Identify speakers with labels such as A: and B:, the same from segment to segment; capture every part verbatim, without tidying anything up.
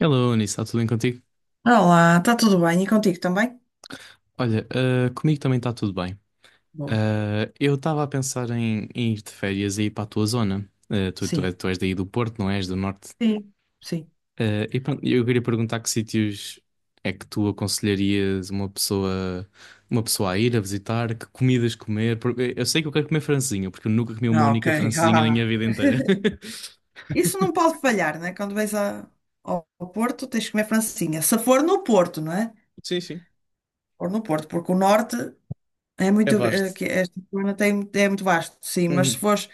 A: Hello, Anis, está tudo bem contigo?
B: Olá, está tudo bem? E contigo também?
A: Olha, ah, comigo também está tudo bem.
B: Boa.
A: Ah, eu estava a pensar em, em ir de férias e ir para a tua zona. Ah, tu, tu,
B: Sim,
A: tu és daí do Porto, não és? Do Norte.
B: Sim. sim.
A: Ah, e pronto, eu queria perguntar que sítios é que tu aconselharias uma pessoa, uma pessoa a ir a visitar, que comidas comer, porque eu sei que eu quero comer francesinha, porque eu nunca comi uma
B: Ah, ok.
A: única francesinha na
B: Ah.
A: minha vida inteira.
B: Isso não pode falhar, né? Quando vais a- ao ao Porto, tens que comer francesinha. Se for no Porto, não é?
A: Sim, sim,
B: For no Porto, porque o norte é
A: é
B: muito. Eh,
A: vasto.
B: que esta zona tem, é muito vasto, sim. Mas se
A: Uhum,
B: fores,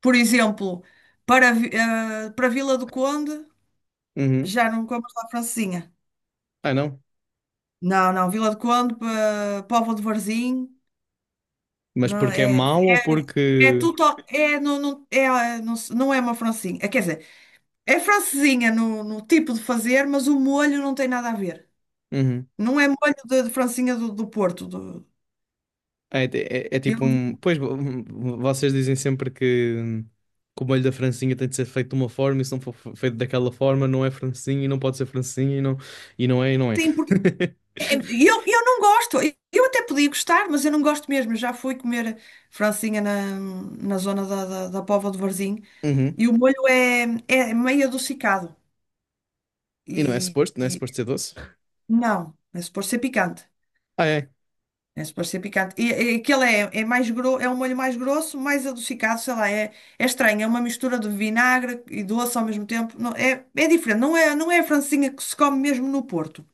B: por exemplo, para, Vi- eh, para Vila do Conde,
A: uhum.
B: já não comes lá francesinha.
A: Ah, não.
B: Não, não. Vila do Conde, pa- Póvoa de Varzim,
A: Mas
B: não
A: porque é
B: é?
A: mau ou
B: É
A: porque?
B: tudo, é, não, não, é, ah, não, se- não é uma francesinha. É. Quer dizer, é francesinha no, no tipo de fazer, mas o molho não tem nada a ver.
A: Uhum.
B: Não é molho de, de francesinha do, do Porto. do-
A: É, é- é é
B: eu,
A: tipo um. Pois vo- um, vocês dizem sempre que, que o molho da francesinha tem de ser feito de uma forma, e se não for fe- feito daquela forma, não é francesinha e não pode ser francesinha e não, e não é e não é.
B: sim, porque é- eu, eu não gosto. Eu até podia gostar, mas eu não gosto mesmo. Já fui comer francesinha na, na zona da, da, da Póvoa de Varzim
A: Uhum.
B: e o molho é, é meio adocicado.
A: E não é
B: E,
A: suposto, não é
B: e
A: suposto ser doce.
B: não, é suposto ser picante.
A: Ah, é.
B: É suposto ser picante. E, e aquele é, é mais grosso, é um molho mais grosso, mais adocicado, sei lá, é, é estranho, é uma mistura de vinagre e doce ao mesmo tempo. Não, é, é diferente, não é, não é a francesinha que se come mesmo no Porto.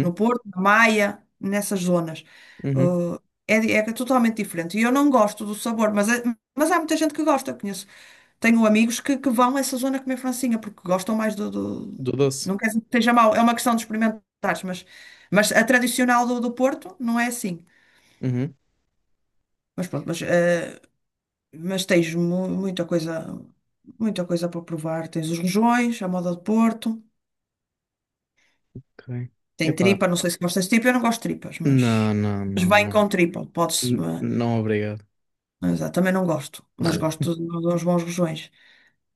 B: No Porto, na Maia, nessas zonas.
A: Uhum.
B: Uh, é, di- É totalmente diferente. E eu não gosto do sabor, mas, é- mas há muita gente que gosta, conheço. Tenho amigos que, que vão a essa zona comer francesinha, porque gostam mais do, do-
A: Do doce.
B: Não quer dizer que seja mau, é uma questão de experimentares, mas, mas a tradicional do, do Porto não é assim.
A: Uhum.
B: Mas pronto, mas, eh, mas tens mu- muita coisa, muita coisa para provar. Tens os rojões, a moda de Porto,
A: Ok.
B: tem
A: Epá.
B: tripa, não sei se gostas de tripa, eu não gosto de tripas, mas,
A: Não, não,
B: mas
A: não,
B: bem
A: não.
B: com tripa, podes,
A: N- não, obrigado.
B: mas, ah, também não gosto, mas gosto de, de uns bons rojões.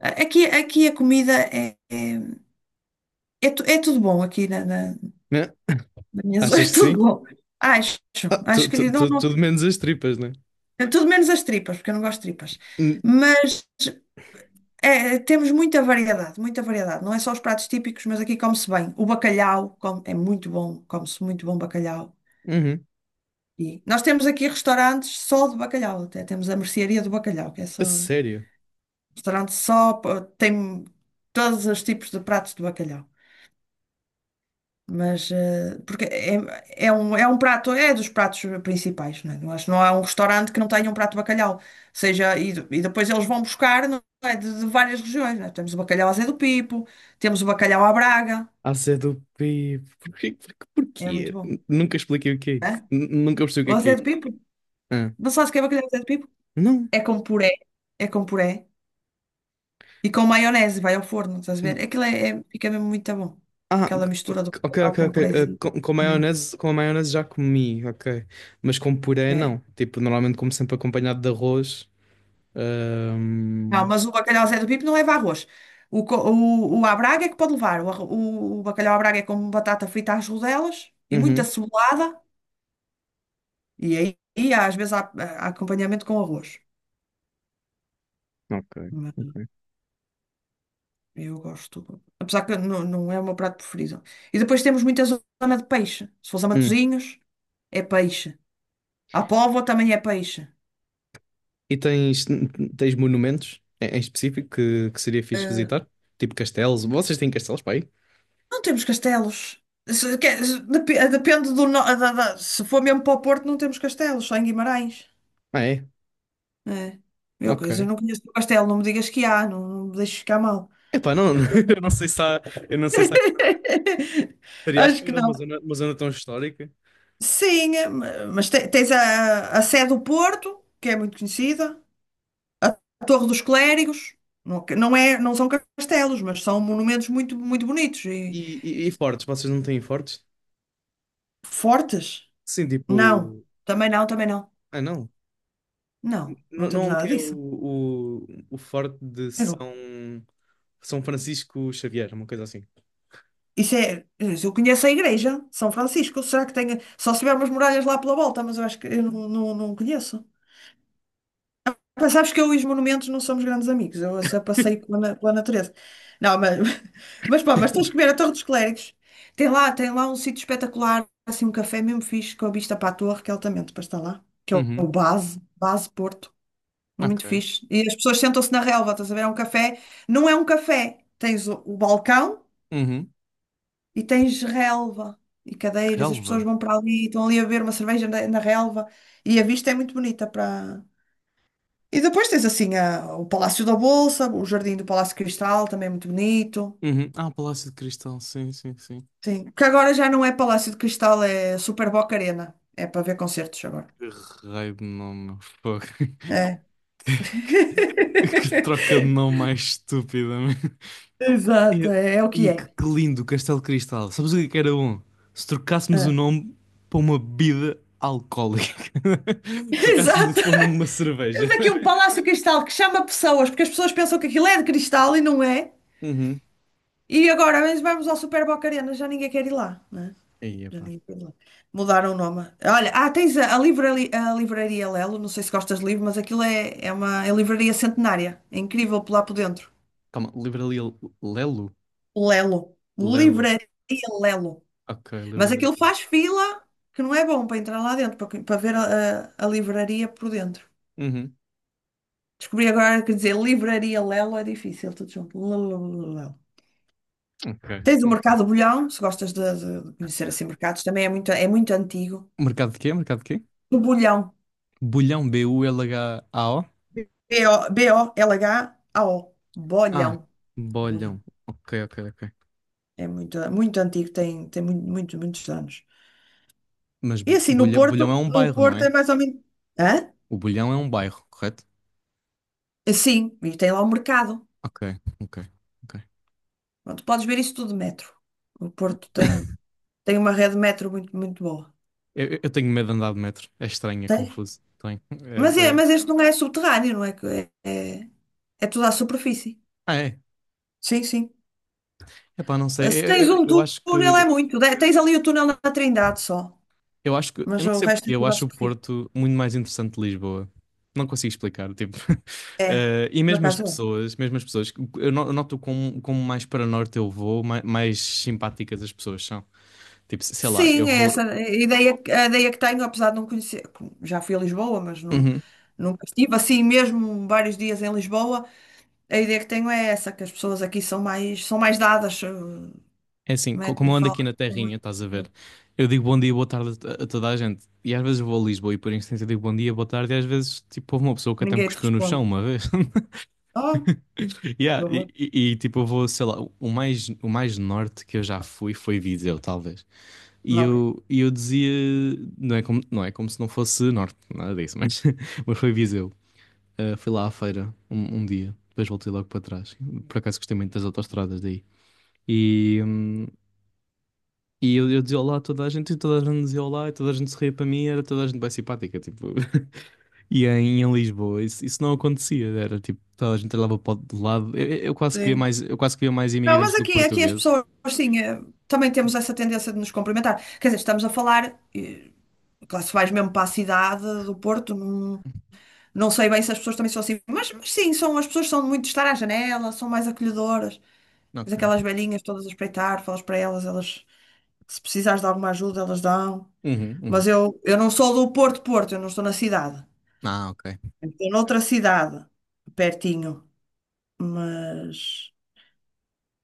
B: A- Aqui, aqui a comida é, é, é, tu- é tudo bom aqui na, na,
A: Né?
B: na minha zona,
A: Achas
B: é
A: que sim?
B: tudo bom. Acho,
A: Ah, tu-
B: acho que
A: tu-
B: não,
A: tu-
B: não,
A: tudo menos as tripas, né?
B: é tudo menos as tripas, porque eu não gosto de tripas.
A: N-
B: Mas é, temos muita variedade, muita variedade. Não é só os pratos típicos, mas aqui come-se bem. O bacalhau come- é muito bom, come-se muito bom bacalhau.
A: Uhum.
B: E nós temos aqui restaurantes só de bacalhau, até temos a mercearia do bacalhau, que é
A: A
B: só
A: sério.
B: restaurante só, pa- tem todos os tipos de pratos de bacalhau. Mas, eh, porque é, é um, é um prato, é dos pratos principais, né? Eu acho que não há um restaurante que não tenha um prato de bacalhau. Seja, e, de- e depois eles vão buscar, não é, de, de várias regiões, né? Temos o bacalhau à Zé do Pipo, temos o bacalhau à Braga,
A: A C do P. Porquê? Porquê?
B: é muito
A: Porquê?
B: bom.
A: Nunca expliquei o que é isso.
B: É?
A: N- Nunca percebi o
B: O
A: que é que é
B: Zé do
A: isso.
B: Pipo?
A: Ah,
B: Não sabes o que é bacalhau à Zé do Pipo?
A: não.
B: É com puré, é com puré e com maionese, vai ao forno, estás a ver? Aquilo é, é- fica mesmo muito bom.
A: Ah,
B: Aquela mistura do
A: ok,
B: bacalhau
A: ok,
B: com
A: ok. Ah,
B: purézinho.
A: com, com maionese, com a maionese já comi, ok. Mas com puré
B: É.
A: não. Tipo, normalmente como sempre acompanhado de arroz.
B: Não,
A: Ahm,
B: mas o bacalhau Zé do Pipo não leva arroz. O, co- o, o à Braga é que pode levar. O, arro- o, o bacalhau à Braga é com batata frita às rodelas e muita
A: Uhum.
B: cebolada. E aí, e às vezes, há, há acompanhamento com arroz.
A: Ok,
B: Mas
A: ok.
B: eu gosto. Apesar que não, não é o meu prato preferido. E depois temos muita zona de peixe. Se fosse a
A: Hum,
B: Matosinhos, é peixe. A Póvoa também é peixe.
A: E tens, tens monumentos em em específico que, que seria fixe
B: Eh,
A: visitar? Tipo castelos. Vocês têm castelos para aí?
B: não temos castelos. Se- que- se- dep- depende do. No- da- da- se for mesmo para o Porto, não temos castelos, só em Guimarães.
A: Ah, é?
B: É. Eu, quer dizer, eu
A: Ok.
B: não conheço o pastel, não me digas que há, não, não me deixes ficar mal.
A: Epá, não,
B: Que eu não-
A: eu não sei se há, eu não sei se estaria à
B: Acho que
A: espera uma
B: não.
A: zona, uma zona tão histórica.
B: Sim, eh, ma- mas te- tens a, a Sé do Porto, que é muito conhecida, a Torre dos Clérigos, não, que- não é, não são castelos, mas são monumentos muito, muito bonitos e
A: E, e, e fortes, vocês não têm fortes?
B: fortes.
A: Sim,
B: Não,
A: tipo.
B: também não, também não.
A: Ah, não.
B: Não, não
A: Não, não
B: temos
A: é um
B: nada
A: que é o,
B: disso.
A: o, o forte de
B: Eu não-
A: São, São Francisco Xavier, uma coisa assim.
B: Isso é, eu conheço a igreja, São Francisco, será que tem, só se tiver umas muralhas lá pela volta, mas eu acho que eu não, não, não conheço. Mas sabes que eu e os monumentos não somos grandes amigos, eu só passei pela, na- pela natureza. Não, mas, mas pá, mas tens que ver a Torre dos Clérigos. Tem lá, tem lá um sítio espetacular, assim, um café mesmo fixe, com a vista para a torre, que é altamente para estar lá, que é o
A: Uhum.
B: Base, Base Porto, é muito
A: Ok.
B: fixe. E as pessoas sentam-se na relva, estás a ver? É um café, não é um café, tens o, o balcão
A: Uhum.
B: e tens relva e cadeiras, as pessoas
A: Relva.
B: vão para ali, estão ali a beber uma cerveja na, na relva e a vista é muito bonita para e depois tens assim a- o Palácio da Bolsa, o Jardim do Palácio de Cristal, também é muito bonito.
A: Uhum. Ah, Palácio de Cristal, sim, sim, sim.
B: Sim, que agora já não é Palácio de Cristal, é Super Boca Arena. É para ver concertos agora.
A: Que raio de nome, meu fogo.
B: É.
A: Que, que troca de nome mais estúpida, meu.
B: Exato,
A: E,
B: é, é o que
A: e que,
B: é.
A: que lindo Castelo Cristal. Sabes o que é que era bom? Se trocássemos o
B: É.
A: nome para uma bebida alcoólica. Se trocássemos
B: Exato.
A: isso para o nome de uma
B: Temos
A: cerveja.
B: aqui um Palácio de Cristal que chama pessoas, porque as pessoas pensam que aquilo é de cristal e não é.
A: Uhum.
B: E agora mas vamos ao Super Boca Arena, já ninguém quer ir lá, né?
A: Aí, epá.
B: Ali pela- Mudaram o nome. Olha, ah, tens a, a, livrari- a livraria Lelo, não sei se gostas de livro, mas aquilo é, é uma é livraria centenária. É incrível por lá por dentro.
A: Calma, Livraria Lelo?
B: Lelo.
A: Lelo.
B: Livraria Lelo.
A: Ok, Livraria
B: Mas aquilo
A: Lelo.
B: faz fila que não é bom para entrar lá dentro, para, para ver a, a, a livraria por dentro.
A: Uhum.
B: Descobri agora que dizer livraria Lelo é difícil, tudo junto. Lelo.
A: Ok,
B: Tens o
A: ok.
B: Mercado Bolhão, se gostas de, de- de conhecer assim mercados, também é muito, é muito antigo.
A: Mercado de quê? Mercado de quê?
B: O Bolhão.
A: Bulhão, B U L H A O?
B: B-O- B-O-L-H-A-O.
A: Ah,
B: Bolhão. Bolhão.
A: Bolhão. Ok, ok, ok.
B: É muito, muito antigo, tem, tem muito, muito, muitos anos.
A: Mas
B: E
A: Bu-
B: assim, no
A: Bulha-
B: Porto,
A: Bulhão é um
B: no
A: bairro, não
B: Porto
A: é?
B: é mais ou menos. Hã?
A: O Bulhão é um bairro, correto?
B: É. Sim, e tem lá o mercado.
A: Ok, ok, ok.
B: Onde podes ver isso tudo de metro. O Porto tem, tem uma rede de metro muito, muito boa.
A: Eu, eu tenho medo de andar de metro. É estranho, é
B: Tens?
A: confuso. Tenho.
B: Mas, é,
A: É,
B: mas
A: é...
B: este não é subterrâneo, não é? que- É, é, é tudo à superfície.
A: Ah, é.
B: Sim, sim.
A: Epá, não sei.
B: Eh, Se
A: Eu,
B: tens
A: eu,
B: um
A: eu
B: tú-
A: acho
B: túnel é
A: que.
B: muito. De- Tens ali o túnel na Trindade só.
A: Eu acho que. Eu
B: Mas
A: não
B: o
A: sei
B: resto é
A: porquê. Eu
B: tudo à
A: acho o
B: superfície.
A: Porto muito mais interessante de Lisboa. Não consigo explicar. Tipo.
B: É,
A: Eh, e
B: por
A: mesmo as
B: acaso. É.
A: pessoas. Mesmo as pessoas. Eu no- eu noto como, como mais para norte eu vou, mais, mais simpáticas as pessoas são. Tipo, sei lá,
B: Sim,
A: eu
B: é
A: vou.
B: essa a ideia, a ideia que tenho, apesar de não conhecer. Já fui a Lisboa, mas não,
A: Uhum.
B: nunca estive assim mesmo vários dias em Lisboa. A ideia que tenho é essa, que as pessoas aqui são mais, são mais dadas. eh,
A: É assim, co-
B: Mete,
A: como eu ando aqui
B: fala,
A: na terrinha, estás a ver? Eu digo bom dia, boa tarde a a toda a gente. E às vezes vou a Lisboa e por instinto eu digo bom dia, boa tarde. E às vezes, tipo, houve uma pessoa que até me
B: ninguém te
A: cuspiu no chão
B: responde.
A: uma vez.
B: Oh, que
A: Yeah, e,
B: horror.
A: e- e, tipo, eu vou, sei lá, o mais, o mais norte que eu já fui foi Viseu, talvez. E
B: Ok.
A: eu, e eu dizia, não é como, não é como se não fosse norte, nada disso, mas, mas foi Viseu. Ah, fui lá à feira um, um dia, depois voltei logo para trás. Por acaso gostei muito das autoestradas daí. E, hum, E eu, eu dizia olá a toda a gente, e toda a gente dizia olá, e toda a gente sorria para mim, era toda a gente bem simpática, tipo. E em, em Lisboa isso, isso não acontecia, era tipo, toda a gente olhava para o de lado. Eu, eu- eu quase que via
B: Sim.
A: mais, eu quase que via mais
B: Não,
A: imigrantes
B: mas
A: do que
B: aqui, aqui as
A: portugueses.
B: pessoas, sim, eh, também temos essa tendência de nos cumprimentar. Quer dizer, estamos a falar, eh, claro, se vais mesmo para a cidade do Porto, não sei bem se as pessoas também são assim, mas, mas sim, são, as pessoas são muito de estar à janela, são mais acolhedoras. Mas
A: Ok.
B: aquelas velhinhas todas a espreitar, falas para elas, elas, se precisares de alguma ajuda, elas dão.
A: Uhum, uhum.
B: Mas eu, eu não sou do Porto, Porto, eu não estou na cidade.
A: Ah, ok.
B: Eu estou noutra cidade, pertinho. Mas,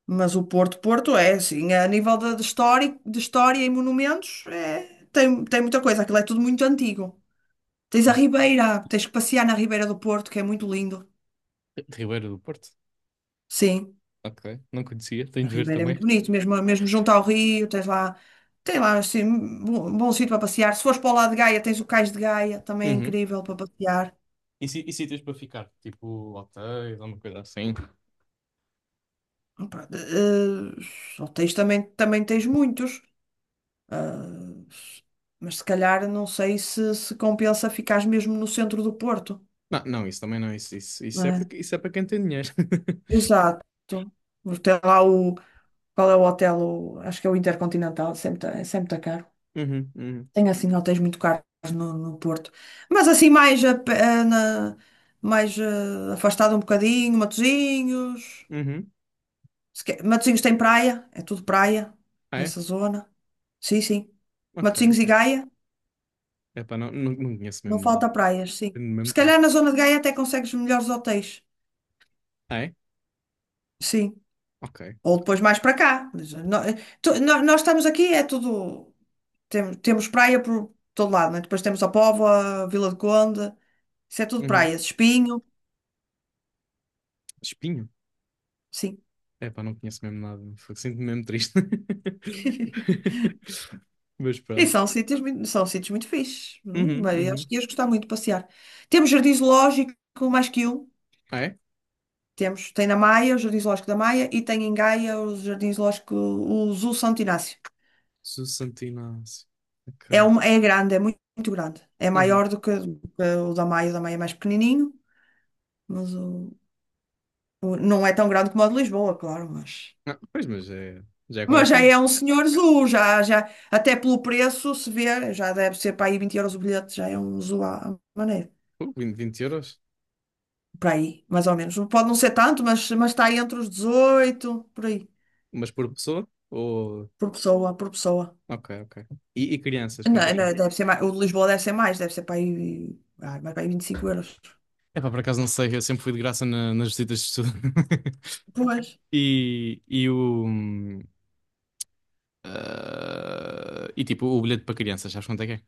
B: mas o Porto, Porto é assim, a nível de, de história, de história e monumentos, é, tem, tem muita coisa, aquilo é tudo muito antigo. Tens a
A: Hum.
B: Ribeira, tens que passear na Ribeira do Porto, que é muito lindo.
A: Ribeiro do Porto?
B: Sim.
A: Ok, não conhecia, tenho
B: A
A: de ver
B: Ribeira é
A: também.
B: muito bonito, mesmo, mesmo junto ao rio, tens lá, tem lá assim, bom, bom sítio para passear. Se fores para o lado de Gaia, tens o Cais de Gaia, também é
A: Uhum.
B: incrível para passear.
A: E, si- e sítios para ficar? Tipo, hotéis, alguma coisa assim?
B: Pronto, eh, hotéis também, também tens muitos, eh, mas se calhar não sei se, se compensa ficares mesmo no centro do Porto,
A: Não, não, isso também não, isso, isso,
B: não
A: isso é para,
B: é?
A: isso é para quem tem dinheiro.
B: Exato. Tem lá o, qual é o hotel? O- acho que é o Intercontinental, sempre está sempre tá caro.
A: Uhum, uhum,
B: Tem assim hotéis muito caros no, no Porto. Mas assim mais, a pé- eh, na- mais eh, afastado um bocadinho, Matosinhos.
A: uhum.
B: Se quer- Matosinhos tem praia, é tudo praia
A: Ah, é?
B: nessa zona. Sim, sim.
A: Ok,
B: Matosinhos e
A: ok.
B: Gaia,
A: Epá, não, não, não conheço
B: não
A: mesmo nada.
B: falta praias, sim.
A: Tenho mesmo
B: Se calhar
A: triste.
B: na zona de Gaia até consegues melhores hotéis.
A: Ah, é?
B: Sim.
A: Ok,
B: Ou
A: ok.
B: depois mais para cá. Mas, eh, nó- eh, tu- nó- nós estamos aqui, é tudo. Temos, temos praia por todo lado, né? Depois temos a Póvoa, Vila do Conde, isso é tudo
A: Uhum.
B: praias. Espinho.
A: Espinho?
B: Sim.
A: Epá, não conheço mesmo nada. Fogo, sinto-me mesmo triste. Mas
B: E
A: pronto.
B: são sítios muito, são sítios muito fixes. Hum,
A: Uhum,
B: bem, acho
A: uhum.
B: que ias gostar muito de passear. Temos jardim zoológico, mais que um.
A: Ah, é?
B: Temos, tem na Maia, o Jardim Zoológico da Maia, e tem em Gaia o Jardim Zoológico, o Zoo Santo Inácio.
A: Susantináceo.
B: É,
A: Ok.
B: um, é grande, é muito, muito grande. É
A: Uhum.
B: maior do que, do que o da Maia, o da Maia é mais pequenininho, mas o, o- não é tão grande como o de Lisboa, claro, mas,
A: Ah, pois, mas é, já é
B: mas
A: qualquer
B: já
A: coisa.
B: é um senhor zoo, já, já, até pelo preço se vê, já deve ser para aí vinte euros o bilhete, já é um zoo à à maneira.
A: Uh, 20, 20 euros?
B: Por aí, mais ou menos. Pode não ser tanto, mas, mas está aí entre os dezoito por aí,
A: Mas por pessoa? Ou...
B: por pessoa, por pessoa.
A: Ok, ok. E, e crianças, quanto é
B: Não,
A: que é?
B: não, deve ser mais, o de Lisboa deve ser mais, deve ser para aí, ah, mas para aí vinte e cinco euros.
A: Epá, por acaso não sei. Eu sempre fui de graça na- nas visitas de estudo.
B: Pois,
A: E, e o. Ah, e tipo, o bilhete para crianças, sabes quanto é que é?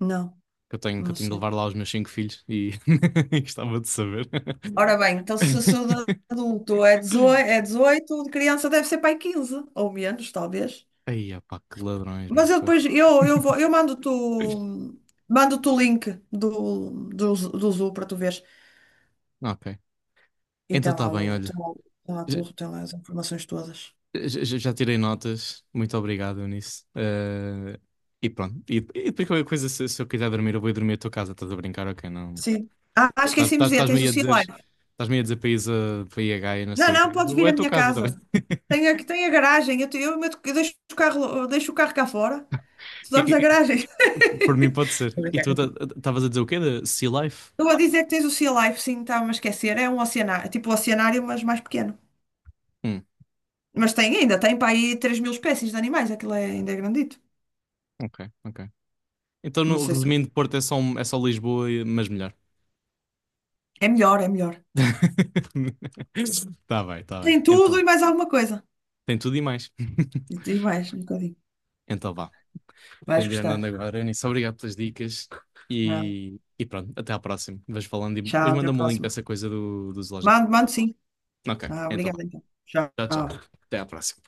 B: não,
A: Que eu tenho, que eu
B: não
A: tenho de
B: sei.
A: levar lá os meus cinco filhos e e gostava de saber.
B: Ora bem, então se, se o de adulto é dezoito é dezoito o de criança deve ser para aí quinze, ou menos, talvez.
A: Aí, opá, que ladrões, meu
B: Mas eu
A: fogo.
B: depois, eu, eu vou, eu mando-te o- mando-te o link do, do, do Zoo para tu veres.
A: Ok.
B: E
A: Então
B: tem
A: está
B: lá,
A: bem,
B: o, tem
A: olha.
B: lá, o- tem lá
A: J-
B: tudo, tem lá as informações todas.
A: j- Já tirei notas. Muito obrigado nisso. Eh, e pronto. E, e depois qualquer coisa, se, se eu quiser dormir, eu vou ir dormir à tua casa. Estás a brincar? Ok, não.
B: Sim. Ah, ah,
A: Estás-
B: esqueci-me de
A: estás-
B: dizer,
A: Estás-me
B: tens o
A: aí a
B: Sea
A: dizer.
B: Life.
A: Estás-me aí a dizer país a, para ir a Gaia, não
B: Não,
A: sei o
B: não,
A: quê.
B: podes
A: Ou
B: vir
A: é
B: à
A: tua
B: minha
A: casa também.
B: casa. Tem a, tem a garagem, eu, te- eu, meto- eu deixo o carro, eu deixo o carro cá fora. Tu dormes na
A: E,
B: garagem.
A: Por mim pode
B: Estou a
A: ser. E
B: brincar
A: tu
B: contigo.
A: estavas a dizer o quê? De Sea Life?
B: Estou a dizer que tens o Sea Life, sim, estava-me a esquecer. É um oceanário, tipo um oceanário, mas mais pequeno.
A: Hum,
B: Mas tem ainda, tem para aí três mil espécies de animais, aquilo é, ainda é grandito.
A: ok, ok. Então,
B: Não
A: no,
B: sei se.
A: resumindo, Porto é só, um- é só Lisboa, e- mas melhor.
B: É melhor, é melhor.
A: Tá bem, tá bem.
B: Tem tudo
A: Então,
B: e mais alguma coisa.
A: tem tudo e mais.
B: E tem mais, um bocadinho.
A: Então vá.
B: Vais
A: Tenho de ir andando
B: gostar.
A: agora, Eunice. Obrigado pelas dicas.
B: Ah,
A: E, e pronto, até à próxima. Vais falando e
B: tchau,
A: depois
B: até a
A: manda-me o link
B: próxima.
A: dessa coisa do, do zoológico.
B: Mando, mando sim.
A: Ok,
B: Ah,
A: então vá.
B: obrigada então.
A: Tchau, tchau.
B: Tchau.
A: Até à próxima.